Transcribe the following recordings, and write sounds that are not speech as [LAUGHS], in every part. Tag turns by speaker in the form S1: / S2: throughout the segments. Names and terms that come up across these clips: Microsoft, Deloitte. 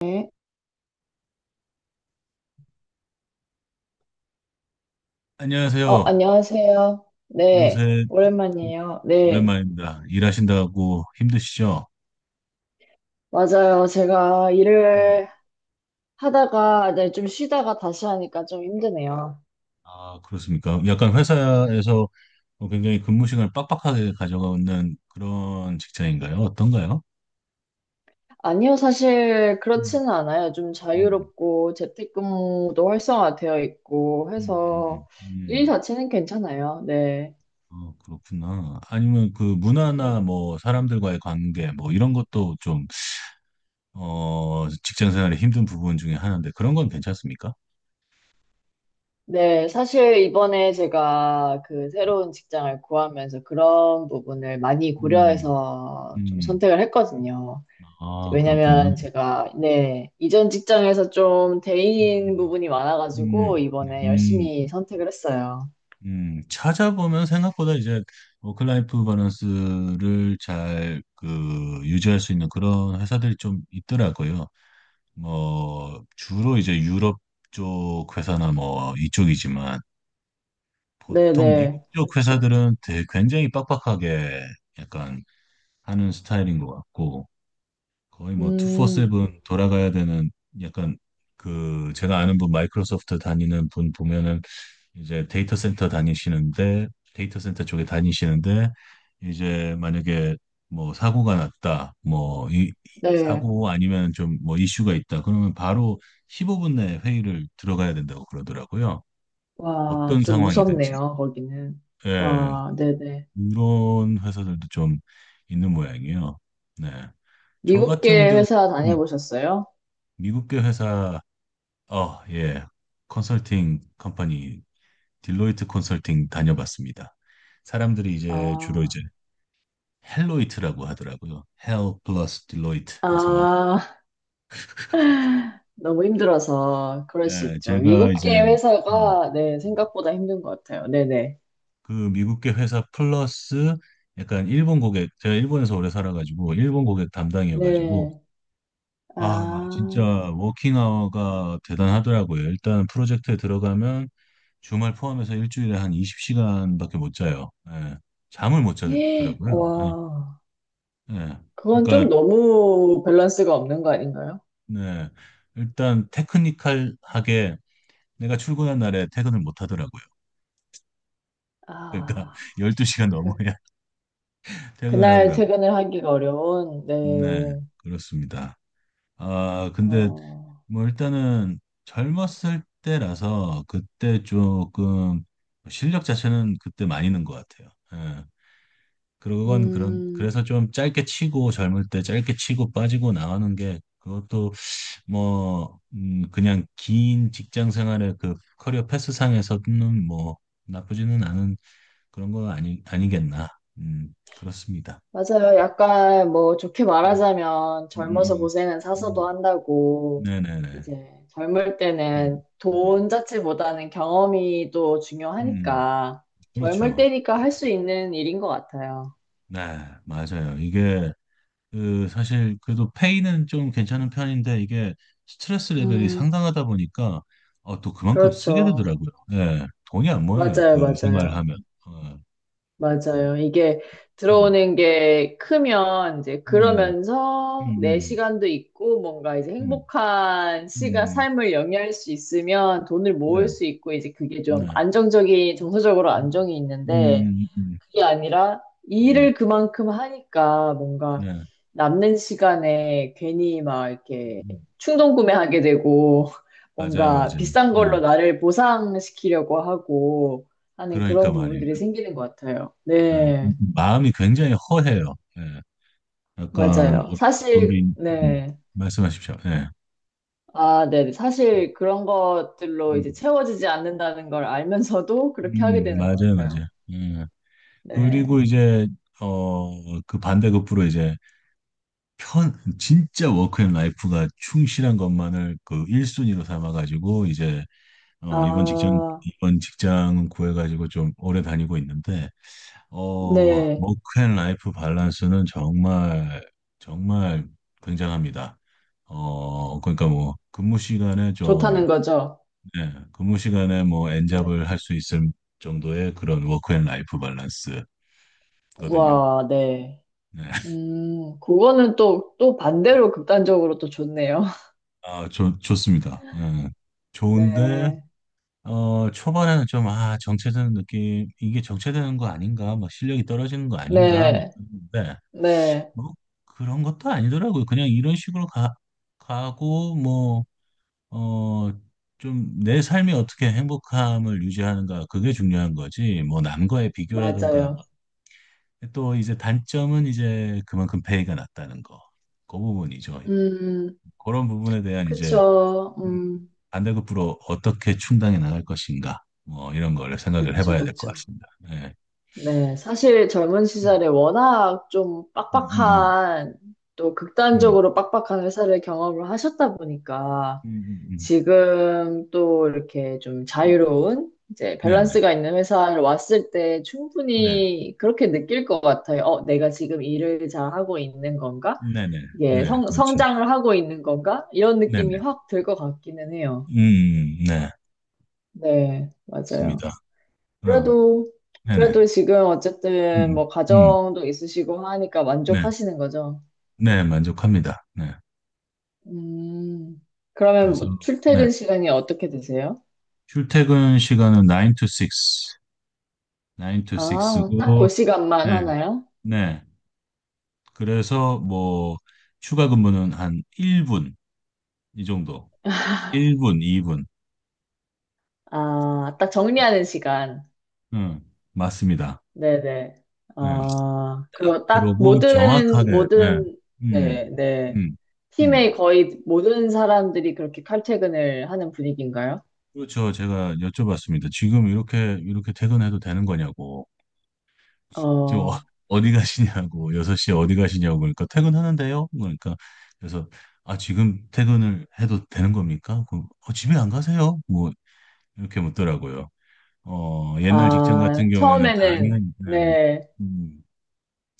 S1: 네.
S2: 안녕하세요.
S1: 안녕하세요. 네,
S2: 요새
S1: 오랜만이에요. 네,
S2: 오랜만입니다. 일하신다고 힘드시죠?
S1: 맞아요. 제가
S2: 음.
S1: 일을 하다가, 네, 좀 쉬다가 다시 하니까 좀 힘드네요.
S2: 아, 그렇습니까? 약간 회사에서 굉장히 근무 시간을 빡빡하게 가져가는 그런 직장인가요? 어떤가요?
S1: 아니요, 사실
S2: 음,
S1: 그렇지는 않아요. 좀
S2: 음,
S1: 자유롭고 재택근무도 활성화되어 있고
S2: 음, 음,
S1: 해서 일
S2: 음.
S1: 자체는 괜찮아요. 네.
S2: 어, 그렇구나. 아니면 그
S1: 네,
S2: 문화나 뭐 사람들과의 관계 뭐 이런 것도 좀. 직장 생활의 힘든 부분 중에 하나인데 그런 건 괜찮습니까?
S1: 네, 사실 이번에 제가 그 새로운 직장을 구하면서 그런 부분을 많이
S2: 음,
S1: 고려해서 좀
S2: 음.
S1: 선택을 했거든요.
S2: 아, 그렇군요.
S1: 왜냐면 제가 네, 이전 직장에서 좀 데이인
S2: 음.
S1: 부분이 많아가지고
S2: 음,
S1: 이번에
S2: 음,
S1: 열심히 선택을 했어요.
S2: 찾아보면 생각보다 이제 워크라이프 밸런스를 잘 그 유지할 수 있는 그런 회사들이 좀 있더라고요. 뭐 주로 이제 유럽 쪽 회사나 뭐 이쪽이지만 보통 미국
S1: 네네,
S2: 쪽
S1: 그쵸.
S2: 회사들은 되게 굉장히 빡빡하게 약간 하는 스타일인 것 같고, 거의 뭐
S1: 음,
S2: 24/7 돌아가야 되는 약간, 그 제가 아는 분 마이크로소프트 다니는 분 보면은, 이제 데이터 센터 쪽에 다니시는데, 이제 만약에 뭐 사고가 났다, 뭐 이
S1: 네.
S2: 사고 아니면 좀 뭐 이슈가 있다 그러면 바로 15분 내에 회의를 들어가야 된다고 그러더라고요.
S1: 와,
S2: 어떤
S1: 좀
S2: 상황이든지.
S1: 무섭네요, 거기는.
S2: 예.
S1: 와, 네네.
S2: 이런 회사들도 좀 있는 모양이에요. 네. 저 같은
S1: 미국계
S2: 경우
S1: 회사
S2: 음,
S1: 다녀보셨어요?
S2: 미국계 회사, 예. 컨설팅 컴퍼니 딜로이트 컨설팅 다녀봤습니다. 사람들이 이제 주로
S1: 아,
S2: 이제 헬로이트라고 하더라고요. 헬 플러스 딜로이트 해서,
S1: 아, 너무 힘들어서 그럴 수
S2: 네,
S1: 있죠.
S2: 제가 이제
S1: 미국계
S2: 음,
S1: 회사가 네, 생각보다 힘든 것 같아요. 네네.
S2: 그 미국계 회사 플러스 약간 일본 고객, 제가 일본에서 오래 살아가지고 일본 고객
S1: 네.
S2: 담당이어가지고,
S1: 네.
S2: 아, 진짜
S1: 아,
S2: 워킹 아워가 대단하더라고요. 일단 프로젝트에 들어가면 주말 포함해서 일주일에 한 20시간밖에 못 자요. 예, 잠을 못
S1: 예,
S2: 자겠더라고요. 예,
S1: 와.
S2: 예.
S1: 그건
S2: 그러니까
S1: 좀 너무 밸런스가 없는 거 아닌가요?
S2: 네. 일단 테크니컬하게 내가 출근한 날에 퇴근을 못 하더라고요. 그러니까 [LAUGHS]
S1: 아,
S2: 12시간
S1: 그,
S2: 넘어야 [LAUGHS] 퇴근을
S1: 그날
S2: 하더라고요.
S1: 퇴근을 하기가 어려운,
S2: 네,
S1: 네.
S2: 그렇습니다. 아, 근데
S1: 어,
S2: 뭐 일단은 젊었을 때라서 그때 조금 실력 자체는 그때 많이 는것 같아요. 예. 그건 그런
S1: 음,
S2: 그래서 좀 짧게 치고 젊을 때 짧게 치고 빠지고 나가는 게, 그것도 뭐, 그냥 긴 직장 생활의 그 커리어 패스상에서는 뭐 나쁘지는 않은 그런 거 아니, 아니겠나. 그렇습니다.
S1: 맞아요. 약간 뭐 좋게
S2: 음,
S1: 말하자면
S2: 음,
S1: 젊어서
S2: 음,
S1: 고생은
S2: 음.
S1: 사서도
S2: 음,
S1: 한다고,
S2: 네네네.
S1: 이제 젊을
S2: 음,
S1: 때는
S2: 음, 음,
S1: 돈 자체보다는 경험이 또
S2: 음.
S1: 중요하니까, 젊을
S2: 그렇죠.
S1: 때니까 할 수 있는 일인 것 같아요.
S2: 네, 맞아요. 이게 그 사실 그래도 페이는 좀 괜찮은 편인데, 이게 스트레스 레벨이
S1: 음,
S2: 상당하다 보니까 또 그만큼 쓰게
S1: 그렇죠.
S2: 되더라고요. 예, 돈이 안 모여요.
S1: 맞아요,
S2: 그 생활을
S1: 맞아요.
S2: 하면. 어, 되게,
S1: 맞아요. 이게
S2: 음.
S1: 들어오는 게 크면 이제
S2: 음,
S1: 그러면서 내
S2: 음,
S1: 시간도 있고 뭔가 이제
S2: 음,
S1: 행복한 시가
S2: 음,
S1: 삶을 영위할 수 있으면 돈을
S2: 네,
S1: 모을 수 있고 이제 그게 좀
S2: 네.
S1: 안정적인 정서적으로
S2: 음,
S1: 안정이 있는데
S2: 음, 음,
S1: 그게 아니라
S2: 음,
S1: 일을 그만큼 하니까 뭔가
S2: 네.
S1: 남는 시간에 괜히 막 이렇게
S2: 음.
S1: 충동 구매하게 되고 [LAUGHS]
S2: 맞아요,
S1: 뭔가
S2: 맞아요.
S1: 비싼
S2: 예.
S1: 걸로 나를 보상시키려고 하고 하는
S2: 그러니까
S1: 그런
S2: 말이에요.
S1: 부분들이 생기는 것 같아요.
S2: 예.
S1: 네,
S2: 그 마음이 굉장히 허해요. 예. 약간
S1: 맞아요.
S2: 어떤
S1: 사실,
S2: 게, 있- 음,
S1: 네.
S2: 말씀하십시오. 예.
S1: 아, 네. 네. 사실 그런 것들로 이제
S2: 음,
S1: 채워지지 않는다는 걸 알면서도 그렇게 하게 되는 것
S2: 맞아요, 맞아요.
S1: 같아요.
S2: 예. 그리고
S1: 네.
S2: 이제, 그 반대급부로 이제 편, 진짜 워크앤 라이프가 충실한 것만을 그 1순위로 삼아가지고 이제 이번 직장,
S1: 아,
S2: 이번 직장 구해가지고 좀 오래 다니고 있는데, 어,
S1: 네.
S2: 워크앤 라이프 밸런스는 정말, 정말 굉장합니다. 그러니까 뭐,
S1: 좋다는 거죠.
S2: 예, 근무 시간에 뭐,
S1: 네.
S2: 엔잡을 할 수 있을 정도의 그런 워크앤 라이프 밸런스거든요.
S1: 와, 네.
S2: 네.
S1: 그거는 또, 또 반대로 극단적으로 또 좋네요. [LAUGHS]
S2: 아, 좋습니다. 예. 좋은데,
S1: 네.
S2: 초반에는 좀, 아, 정체되는 느낌, 이게 정체되는 거 아닌가, 막 실력이 떨어지는 거 아닌가, 막
S1: 네.
S2: 그랬는데,
S1: 네.
S2: 뭐 그런 것도 아니더라고요. 그냥 이런 식으로 가고 뭐, 어 좀 내 삶이 어떻게 행복함을 유지하는가, 그게 중요한 거지. 뭐 남과의 비교라든가 막.
S1: 맞아요.
S2: 또 이제 단점은 이제 그만큼 페이가 낮다는 거. 그 부분이죠. 이제
S1: 음,
S2: 그런 부분에 대한 이제
S1: 그쵸.
S2: 반대급부로 어떻게 충당해 나갈 것인가, 뭐 이런 거를 생각을
S1: 그쵸,
S2: 해봐야 될 것
S1: 그쵸.
S2: 같습니다. 네.
S1: 네. 사실 젊은
S2: 음,
S1: 시절에 워낙 좀
S2: 음, 음,
S1: 빡빡한, 또
S2: 음,
S1: 극단적으로 빡빡한 회사를 경험을 하셨다 보니까,
S2: 음, 음,
S1: 지금 또 이렇게 좀
S2: 음.
S1: 자유로운 이제
S2: 네네,
S1: 밸런스가 있는 회사를 왔을 때
S2: 네,
S1: 충분히 그렇게 느낄 것 같아요. 내가 지금 일을 잘 하고 있는 건가?
S2: 네네,
S1: 이게
S2: 네, 네.
S1: 성,
S2: 그렇죠.
S1: 성장을 하고 있는 건가? 이런
S2: 네네.
S1: 느낌이 확 들 것 같기는 해요.
S2: 네.
S1: 네,
S2: 맞습니다.
S1: 맞아요.
S2: 어,
S1: 그래도, 그래도
S2: 네네.
S1: 지금
S2: 음,
S1: 어쨌든
S2: 음,
S1: 뭐
S2: 음.
S1: 가정도 있으시고 하니까
S2: 네.
S1: 만족하시는 거죠.
S2: 네, 만족합니다. 네.
S1: 음, 그러면
S2: 그래서,
S1: 뭐
S2: 네.
S1: 출퇴근 시간이 어떻게 되세요?
S2: 출퇴근 시간은 9 to 6, 9 to
S1: 아, 딱
S2: 6고,
S1: 그 시간만
S2: 네,
S1: 하나요?
S2: 네. 그래서 뭐, 추가 근무는 한 1분, 이 정도. 1분, 2분.
S1: 아, 딱 정리하는 시간.
S2: 응, 맞습니다.
S1: 네네.
S2: 네.
S1: 아, 그리고 딱
S2: 그러고
S1: 모든,
S2: 정확하게, 네.
S1: 모든, 네,
S2: 음,
S1: 네.
S2: 음, 음.
S1: 팀의 거의 모든 사람들이 그렇게 칼퇴근을 하는 분위기인가요?
S2: 그렇죠. 제가 여쭤봤습니다. 지금 이렇게 퇴근해도 되는 거냐고. 지금
S1: 어,
S2: 어디 가시냐고, 6시에 어디 가시냐고, 그러니까 퇴근하는데요? 그러니까, 그래서, 아, 지금 퇴근을 해도 되는 겁니까? 집에 안 가세요? 뭐, 이렇게 묻더라고요. 어, 옛날 직장 같은
S1: 아,
S2: 경우에는
S1: 처음에는,
S2: 당연히, 음,
S1: 네,
S2: 음,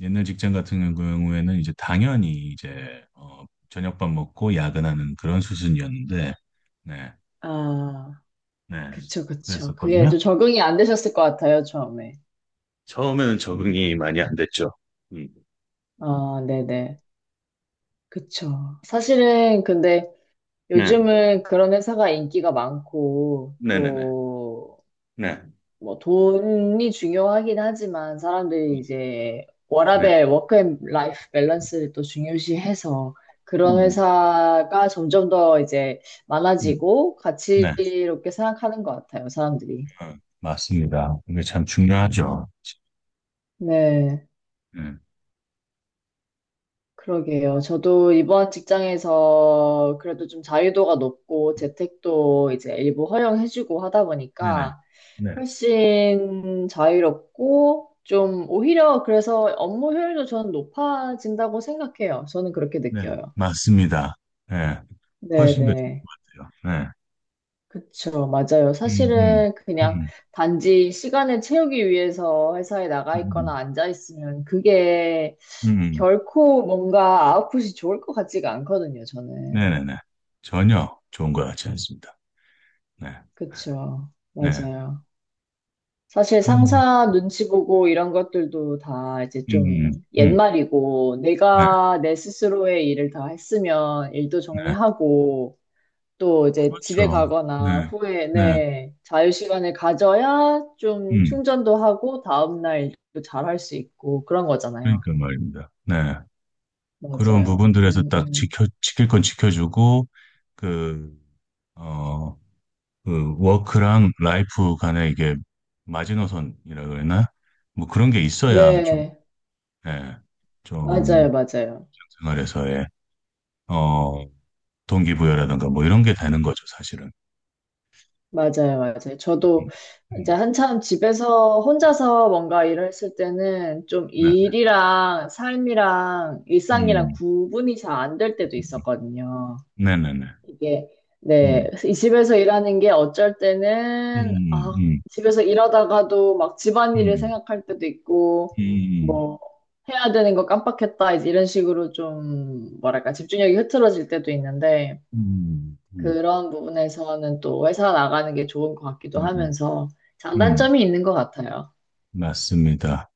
S2: 옛날 직장 같은 경우에는 이제 당연히 이제, 저녁밥 먹고 야근하는 그런 수순이었는데, 네,
S1: 아,
S2: 네,
S1: 그쵸, 그쵸. 그게
S2: 그랬었거든요.
S1: 좀 적응이 안 되셨을 것 같아요, 처음에.
S2: 처음에는 적응이 많이 안 됐죠. 음,
S1: 아, 네네. 그쵸. 사실은 근데
S2: 네,
S1: 요즘은 그런 회사가 인기가 많고,
S2: 네네네,
S1: 또,
S2: 네,
S1: 뭐 돈이 중요하긴 하지만 사람들이 이제
S2: 네.
S1: 워라밸, 워크앤 라이프 밸런스를 또 중요시해서 그런
S2: 네네.
S1: 회사가 점점 더 이제
S2: 음,
S1: 많아지고
S2: 네,
S1: 가치롭게 생각하는 것 같아요, 사람들이.
S2: 맞습니다. 이게 참 중요하죠.
S1: 네,
S2: 네,
S1: 그러게요. 저도 이번 직장에서 그래도 좀 자유도가 높고 재택도 이제 일부 허용해주고 하다
S2: 네네.
S1: 보니까
S2: 네,
S1: 훨씬 자유롭고 좀 오히려 그래서 업무 효율도 저는 높아진다고 생각해요. 저는 그렇게
S2: 네,
S1: 느껴요.
S2: 맞습니다. 네, 훨씬 더 좋은
S1: 네네.
S2: 것 같아요. 네,
S1: 그쵸. 맞아요.
S2: 음, 음,
S1: 사실은 그냥
S2: 음,
S1: 단지 시간을 채우기 위해서 회사에 나가
S2: 음,
S1: 있거나 앉아 있으면 그게
S2: 음, 음.
S1: 결코 뭔가 아웃풋이 좋을 것 같지가 않거든요. 저는.
S2: 네네네. 전혀 좋은 것 같지 않습니다. 네,
S1: 그쵸.
S2: 네,
S1: 맞아요. 사실
S2: 음,
S1: 상사 눈치 보고 이런 것들도 다 이제
S2: 음, 음,
S1: 좀
S2: 음.
S1: 옛말이고,
S2: 네,
S1: 내가 내 스스로의 일을 다 했으면 일도
S2: 네,
S1: 정리하고, 또 이제 집에
S2: 그렇죠. 네,
S1: 가거나 후에,
S2: 네,
S1: 네, 자유시간을 가져야 좀
S2: 음,
S1: 충전도 하고, 다음날 일도 잘 할 수 있고, 그런 거잖아요.
S2: 그러니까 말입니다. 네, 그런
S1: 맞아요.
S2: 부분들에서 딱 지킬 건 지켜주고, 그, 어, 그 워크랑 라이프 간에 이게 마지노선이라 그러나, 뭐 그런 게 있어야 좀,
S1: 네,
S2: 예, 좀
S1: 맞아요, 맞아요.
S2: 생활에서의 어 동기부여라든가 뭐 이런 게 되는 거죠, 사실은.
S1: 맞아요, 맞아요.
S2: 음,
S1: 저도 이제
S2: 음,
S1: 한참 집에서 혼자서 뭔가 일을 했을 때는 좀
S2: 네,
S1: 일이랑 삶이랑 일상이랑
S2: 음,
S1: 구분이 잘 안 될 때도
S2: 음,
S1: 있었거든요.
S2: 음. 네네네,
S1: 이게,
S2: 음,
S1: 네. 이 집에서 일하는 게 어쩔 때는,
S2: 음,
S1: 아,
S2: 음,
S1: 집에서 일하다가도 막 집안일을
S2: 음,
S1: 생각할 때도 있고,
S2: 음, 음,
S1: 뭐, 해야 되는 거 깜빡했다, 이제 이런 식으로 좀, 뭐랄까, 집중력이 흐트러질 때도 있는데,
S2: 음, 음,
S1: 그런 부분에서는 또 회사 나가는 게 좋은 것 같기도
S2: 음,
S1: 하면서
S2: 음.
S1: 장단점이 있는 것 같아요.
S2: 맞습니다.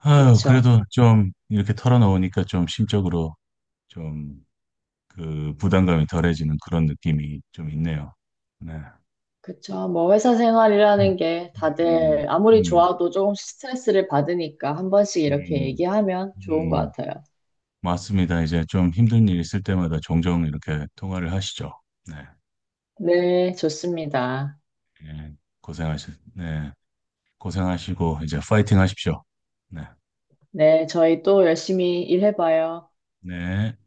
S2: 아유,
S1: 그쵸.
S2: 그래도 좀 이렇게 털어놓으니까 좀 심적으로 좀 그 부담감이 덜해지는 그런 느낌이 좀 있네요. 네.
S1: 그쵸. 뭐 회사
S2: 음,
S1: 생활이라는 게
S2: 음,
S1: 다들 아무리
S2: 음,
S1: 좋아도 조금씩 스트레스를 받으니까 한 번씩 이렇게
S2: 음,
S1: 얘기하면 좋은 것
S2: 음.
S1: 같아요.
S2: 맞습니다. 이제 좀 힘든 일 있을 때마다 종종 이렇게 통화를 하시죠. 네.
S1: 네, 좋습니다.
S2: 예, 고생하시, 네. 고생하시고, 이제 파이팅 하십시오. 네.
S1: 네, 저희 또 열심히 일해봐요.
S2: 네.